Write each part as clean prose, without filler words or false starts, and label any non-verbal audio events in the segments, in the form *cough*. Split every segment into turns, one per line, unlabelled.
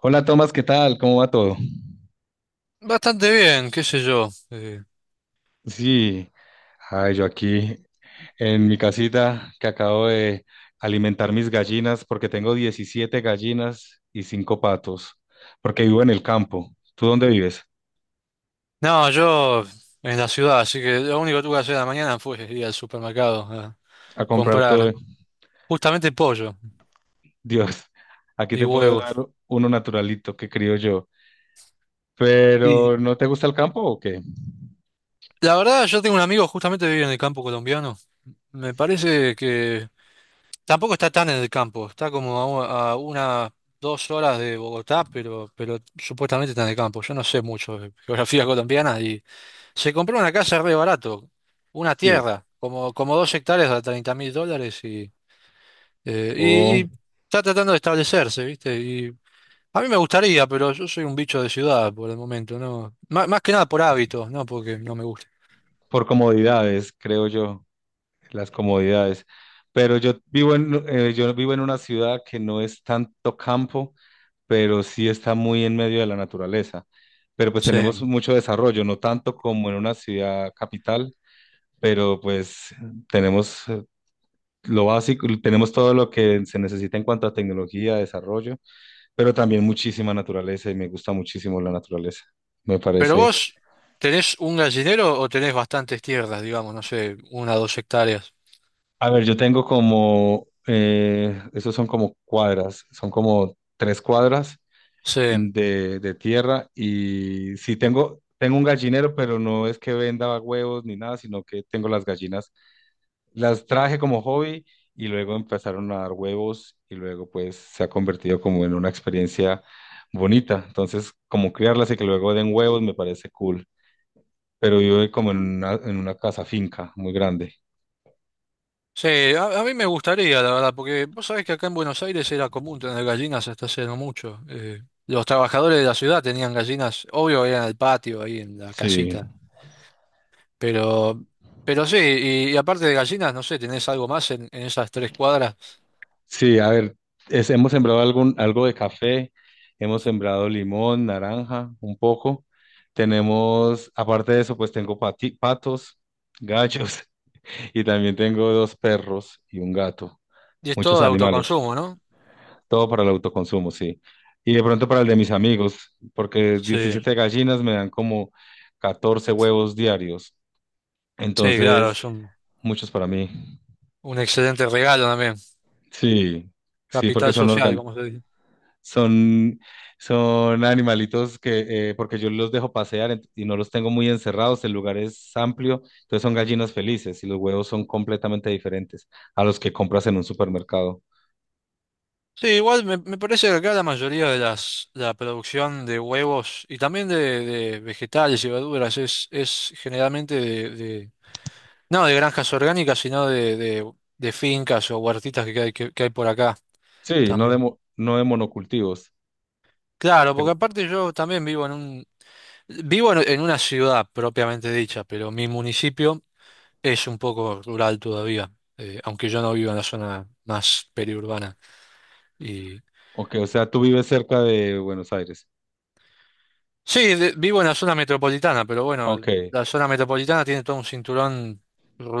Hola Tomás, ¿qué tal? ¿Cómo va todo?
Bastante bien, qué sé yo.
Sí, ay, yo aquí en mi casita que acabo de alimentar mis gallinas porque tengo 17 gallinas y 5 patos, porque vivo en el campo. ¿Tú dónde vives?
No, yo en la ciudad, así que lo único que tuve que hacer en la mañana fue ir al supermercado a
A comprar todo.
comprar justamente pollo
Dios, aquí
y
te puedo dar
huevos.
uno naturalito que crío yo. Pero
Y
¿no te gusta el campo o qué?
la verdad, yo tengo un amigo justamente que vive en el campo colombiano. Me parece que tampoco está tan en el campo, está como a unas 2 horas de Bogotá, pero supuestamente está en el campo. Yo no sé mucho de geografía colombiana y se compró una casa re barato, una
Sí.
tierra, como 2 hectáreas a 30.000 dólares y... Eh,
O
y, y está tratando de establecerse, ¿viste? Y a mí me gustaría, pero yo soy un bicho de ciudad por el momento, ¿no? Más que nada por hábitos, ¿no? Porque no me gusta.
por comodidades, creo yo. Las comodidades. Pero yo vivo en una ciudad que no es tanto campo, pero sí está muy en medio de la naturaleza. Pero pues tenemos
Sí.
mucho desarrollo, no tanto como en una ciudad capital, pero pues tenemos lo básico, tenemos todo lo que se necesita en cuanto a tecnología, desarrollo, pero también muchísima naturaleza y me gusta muchísimo la naturaleza. Me
Pero
parece.
vos, ¿tenés un gallinero o tenés bastantes tierras, digamos, no sé, una o dos hectáreas?
A ver, yo tengo como, esos son como cuadras, son como tres cuadras
Sí.
de tierra y sí tengo, tengo un gallinero, pero no es que venda huevos ni nada, sino que tengo las gallinas, las traje como hobby y luego empezaron a dar huevos y luego pues se ha convertido como en una experiencia bonita. Entonces, como criarlas y que luego den huevos me parece cool, pero vivo como en una casa finca muy grande.
Sí, a mí me, gustaría, la verdad, porque vos sabés que acá en Buenos Aires era común tener gallinas hasta hace no mucho. Los trabajadores de la ciudad tenían gallinas, obvio, eran en el patio, ahí en la
Sí.
casita. Pero, pero sí, y aparte de gallinas, no sé, tenés algo más en, esas 3 cuadras.
Sí, a ver, hemos sembrado algo de café, hemos sembrado limón, naranja, un poco. Tenemos, aparte de eso, pues tengo patos, gallos *laughs* y también tengo dos perros y un gato.
Y es
Muchos
todo de
animales,
autoconsumo, ¿no?
todo para el autoconsumo, sí. Y de pronto para el de mis amigos, porque
Sí,
17 gallinas me dan como 14 huevos diarios.
sí, claro,
Entonces,
es un,
muchos para mí.
un excelente regalo también.
Sí, sí, porque
Capital
son
social,
orgánicos.
como se dice.
Son, son animalitos que, porque yo los dejo pasear ent- y no los tengo muy encerrados, el lugar es amplio, entonces son gallinas felices y los huevos son completamente diferentes a los que compras en un supermercado.
Sí, igual me parece que acá la mayoría de la producción de huevos y también de vegetales y verduras es generalmente no de granjas orgánicas, sino de fincas o huertitas que hay por acá
Sí, no de,
también.
mo- no de monocultivos.
Claro,
Pero...
porque aparte yo también vivo en una ciudad propiamente dicha, pero mi municipio es un poco rural todavía, aunque yo no vivo en la zona más periurbana. Y
Ok, o sea, tú vives cerca de Buenos Aires.
sí, vivo en la zona metropolitana, pero
Ok,
bueno, la zona metropolitana tiene todo un cinturón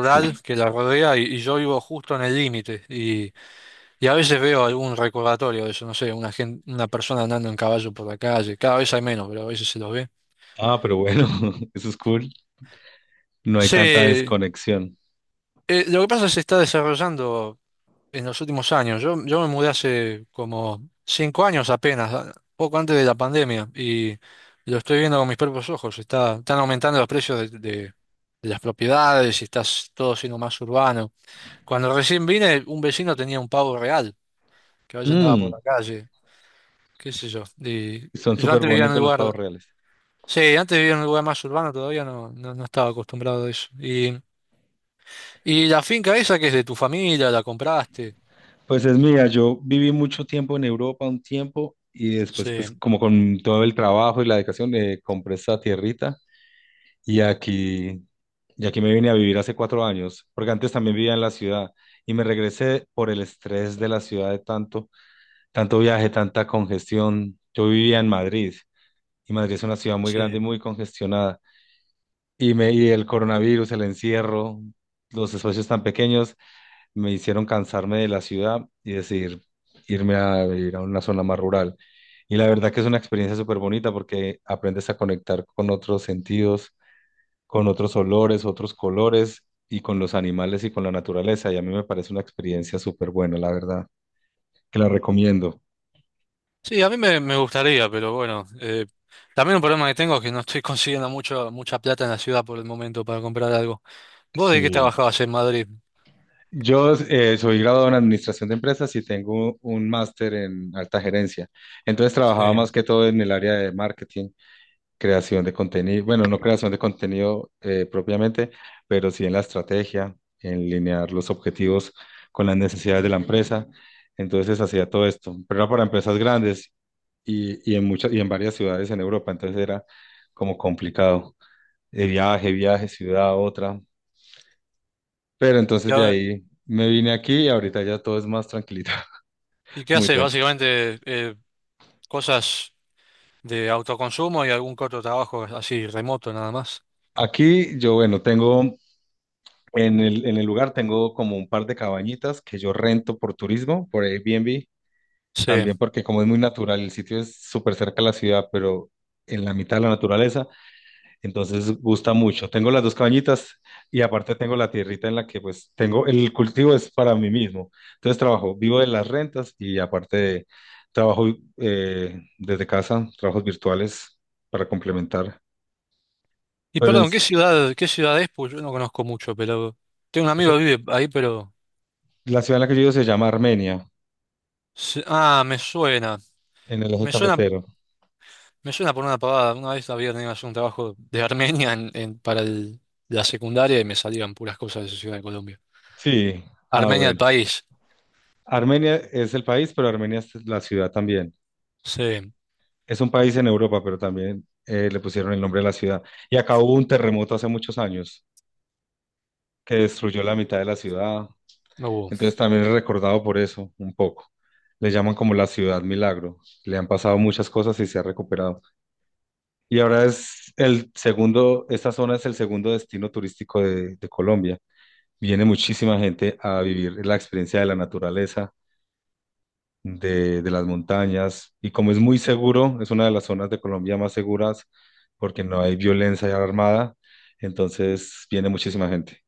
sí.
que la rodea y yo vivo justo en el límite. Y a veces veo algún recordatorio de eso, no sé, una persona andando en caballo por la calle. Cada vez hay menos, pero a veces se los ve.
Ah, pero bueno, *laughs* eso es cool. No hay
Sí,
tanta desconexión.
lo que pasa es que se está desarrollando en los últimos años. Yo me mudé hace como 5 años apenas, poco antes de la pandemia, y lo estoy viendo con mis propios ojos. Está, están aumentando los precios de las propiedades y está todo siendo más urbano. Cuando recién vine, un vecino tenía un pavo real, que a veces andaba por
Mm,
la calle, qué sé yo. Y
Son
yo
súper
antes vivía en un
bonitos los
lugar,
pavos reales.
sí, antes vivía en un lugar más urbano, todavía no estaba acostumbrado a eso. Y la finca esa que es de tu familia, la compraste.
Pues es mía, yo viví mucho tiempo en Europa, un tiempo, y después, pues
Sí,
como con todo el trabajo y la dedicación, compré esta tierrita y aquí, y aquí me vine a vivir hace 4 años, porque antes también vivía en la ciudad y me regresé por el estrés de la ciudad de tanto, tanto viaje, tanta congestión. Yo vivía en Madrid y Madrid es una ciudad muy grande y
sí.
muy congestionada y me y el coronavirus, el encierro, los espacios tan pequeños me hicieron cansarme de la ciudad y decidir irme a vivir a una zona más rural. Y la verdad que es una experiencia súper bonita porque aprendes a conectar con otros sentidos, con otros olores, otros colores y con los animales y con la naturaleza. Y a mí me parece una experiencia súper buena, la verdad, que la recomiendo.
Sí, a mí me gustaría, pero bueno, también un problema que tengo es que no estoy *laughs* consiguiendo mucha plata en la ciudad por el momento para comprar algo. ¿Vos de qué
Sí.
trabajabas en Madrid?
Yo soy graduado en administración de empresas y tengo un máster en alta gerencia. Entonces trabajaba más
Sí.
que todo en el área de marketing, creación de contenido, bueno, no creación de contenido propiamente, pero sí en la estrategia, en linear los objetivos con las necesidades de la empresa. Entonces hacía todo esto, pero era para empresas grandes y en muchas y en varias ciudades en Europa, entonces era como complicado. De viaje, viaje, ciudad, a otra. Pero
¿Y,
entonces de
ahora-
ahí me vine aquí y ahorita ya todo es más tranquilito,
y
*laughs*
qué
muy
haces?
tranquilo.
Básicamente cosas de autoconsumo y algún corto trabajo así remoto nada más.
Aquí yo, bueno, tengo. En el lugar tengo como un par de cabañitas que yo rento por turismo, por Airbnb,
Sí.
también porque como es muy natural, el sitio es súper cerca a la ciudad, pero en la mitad de la naturaleza, entonces gusta mucho. Tengo las dos cabañitas y aparte tengo la tierrita en la que pues tengo, el cultivo es para mí mismo. Entonces trabajo, vivo de las rentas y aparte trabajo desde casa, trabajos virtuales para complementar.
Y
Pero en-
perdón, ¿qué ciudad es? Pues yo no conozco mucho, pero tengo un amigo
eso-
que vive ahí, pero...
la ciudad en la que yo vivo se llama Armenia,
Ah, me suena.
en el eje
Me suena,
cafetero.
Me suena. Por una pavada. Una vez había tenido que hacer un trabajo de Armenia para la secundaria y me salían puras cosas de esa ciudad de Colombia.
Sí, ah,
Armenia, el
bueno.
país.
Armenia es el país, pero Armenia es la ciudad también.
Sí,
Es un país en Europa, pero también le pusieron el nombre de la ciudad. Y acá hubo un terremoto hace muchos años que destruyó la mitad de la ciudad.
no hubo.
Entonces también es recordado por eso, un poco. Le llaman como la ciudad milagro. Le han pasado muchas cosas y se ha recuperado. Y ahora es el segundo, esta zona es el segundo destino turístico de Colombia. Viene muchísima gente a vivir la experiencia de la naturaleza de las montañas y como es muy seguro, es una de las zonas de Colombia más seguras porque no hay violencia armada, entonces viene muchísima gente.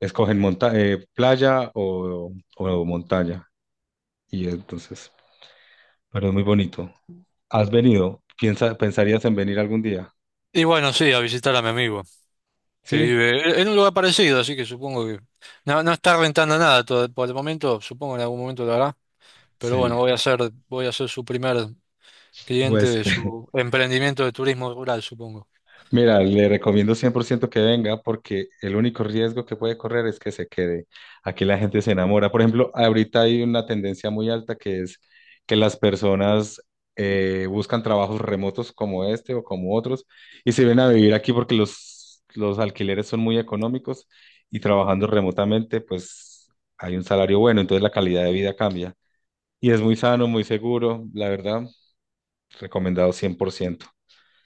Escogen monta playa o montaña y entonces, pero es muy bonito. ¿Has venido? Pensarías en venir algún día?
Y bueno, sí, a visitar a mi amigo, que
Sí,
vive en un lugar parecido, así que supongo que no está rentando nada por el momento, supongo que en algún momento lo hará, pero
sí,
bueno, voy a ser su primer cliente
pues
de su
*laughs*
emprendimiento de turismo rural, supongo.
mira, le recomiendo 100% que venga porque el único riesgo que puede correr es que se quede. Aquí la gente se enamora. Por ejemplo, ahorita hay una tendencia muy alta que es que las personas buscan trabajos remotos como este o como otros y se ven a vivir aquí porque los alquileres son muy económicos y trabajando remotamente pues hay un salario bueno, entonces la calidad de vida cambia. Y es muy sano, muy seguro, la verdad, recomendado 100%.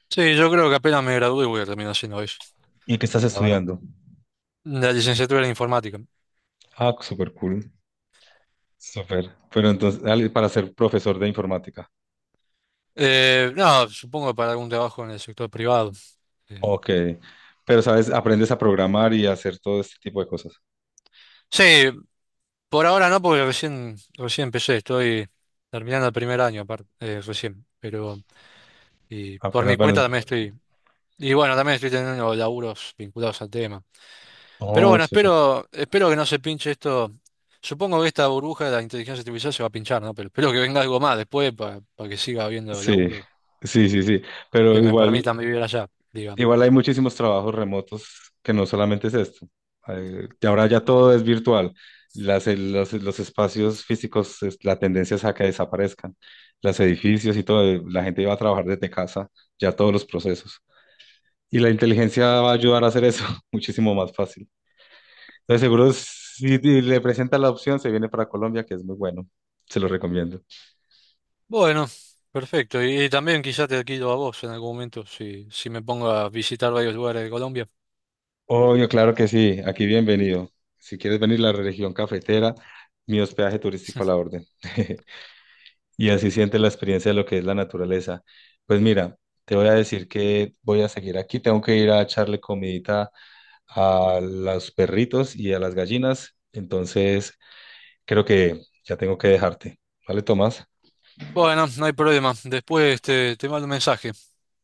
Sí, yo creo que apenas me gradué voy a terminar haciendo eso,
¿Y qué estás
la verdad.
estudiando?
La licenciatura en informática.
Ah, súper cool. Súper. Pero entonces, al- para ser profesor de informática.
No, supongo que para algún trabajo en el sector privado. Eh,
Ok. Pero, ¿sabes? Aprendes a programar y a hacer todo este tipo de cosas.
sí, por ahora no, porque recién empecé, estoy terminando el primer año aparte, recién, pero y por
Apenas,
mi
bueno.
cuenta también estoy, y bueno, también estoy teniendo laburos vinculados al tema. Pero
Oh,
bueno,
súper.
espero que no se pinche esto. Supongo que esta burbuja de la inteligencia artificial se va a pinchar, ¿no? Pero espero que venga algo más después para que siga habiendo
Sí,
laburos
sí, sí, sí. Pero
que me
igual,
permitan vivir allá,
igual
digamos.
hay muchísimos trabajos remotos que no solamente es esto. Y ahora ya todo es virtual. Los espacios físicos, la tendencia es a que desaparezcan. Los edificios y todo, la gente va a trabajar desde casa, ya todos los procesos. Y la inteligencia va a ayudar a hacer eso *laughs* muchísimo más fácil. Entonces, seguro si le presenta la opción, se viene para Colombia, que es muy bueno. Se lo recomiendo.
Bueno, perfecto. Y también quizá te quito a vos en algún momento si me pongo a visitar varios lugares de Colombia.
Obvio, claro que sí. Aquí bienvenido. Si quieres venir a la región cafetera, mi hospedaje turístico a la orden. *laughs* Y así sientes la experiencia de lo que es la naturaleza. Pues mira, te voy a decir que voy a seguir aquí. Tengo que ir a echarle comidita a los perritos y a las gallinas. Entonces, creo que ya tengo que dejarte. ¿Vale, Tomás?
Bueno, no hay problema. Después te mando un mensaje.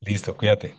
Listo, cuídate.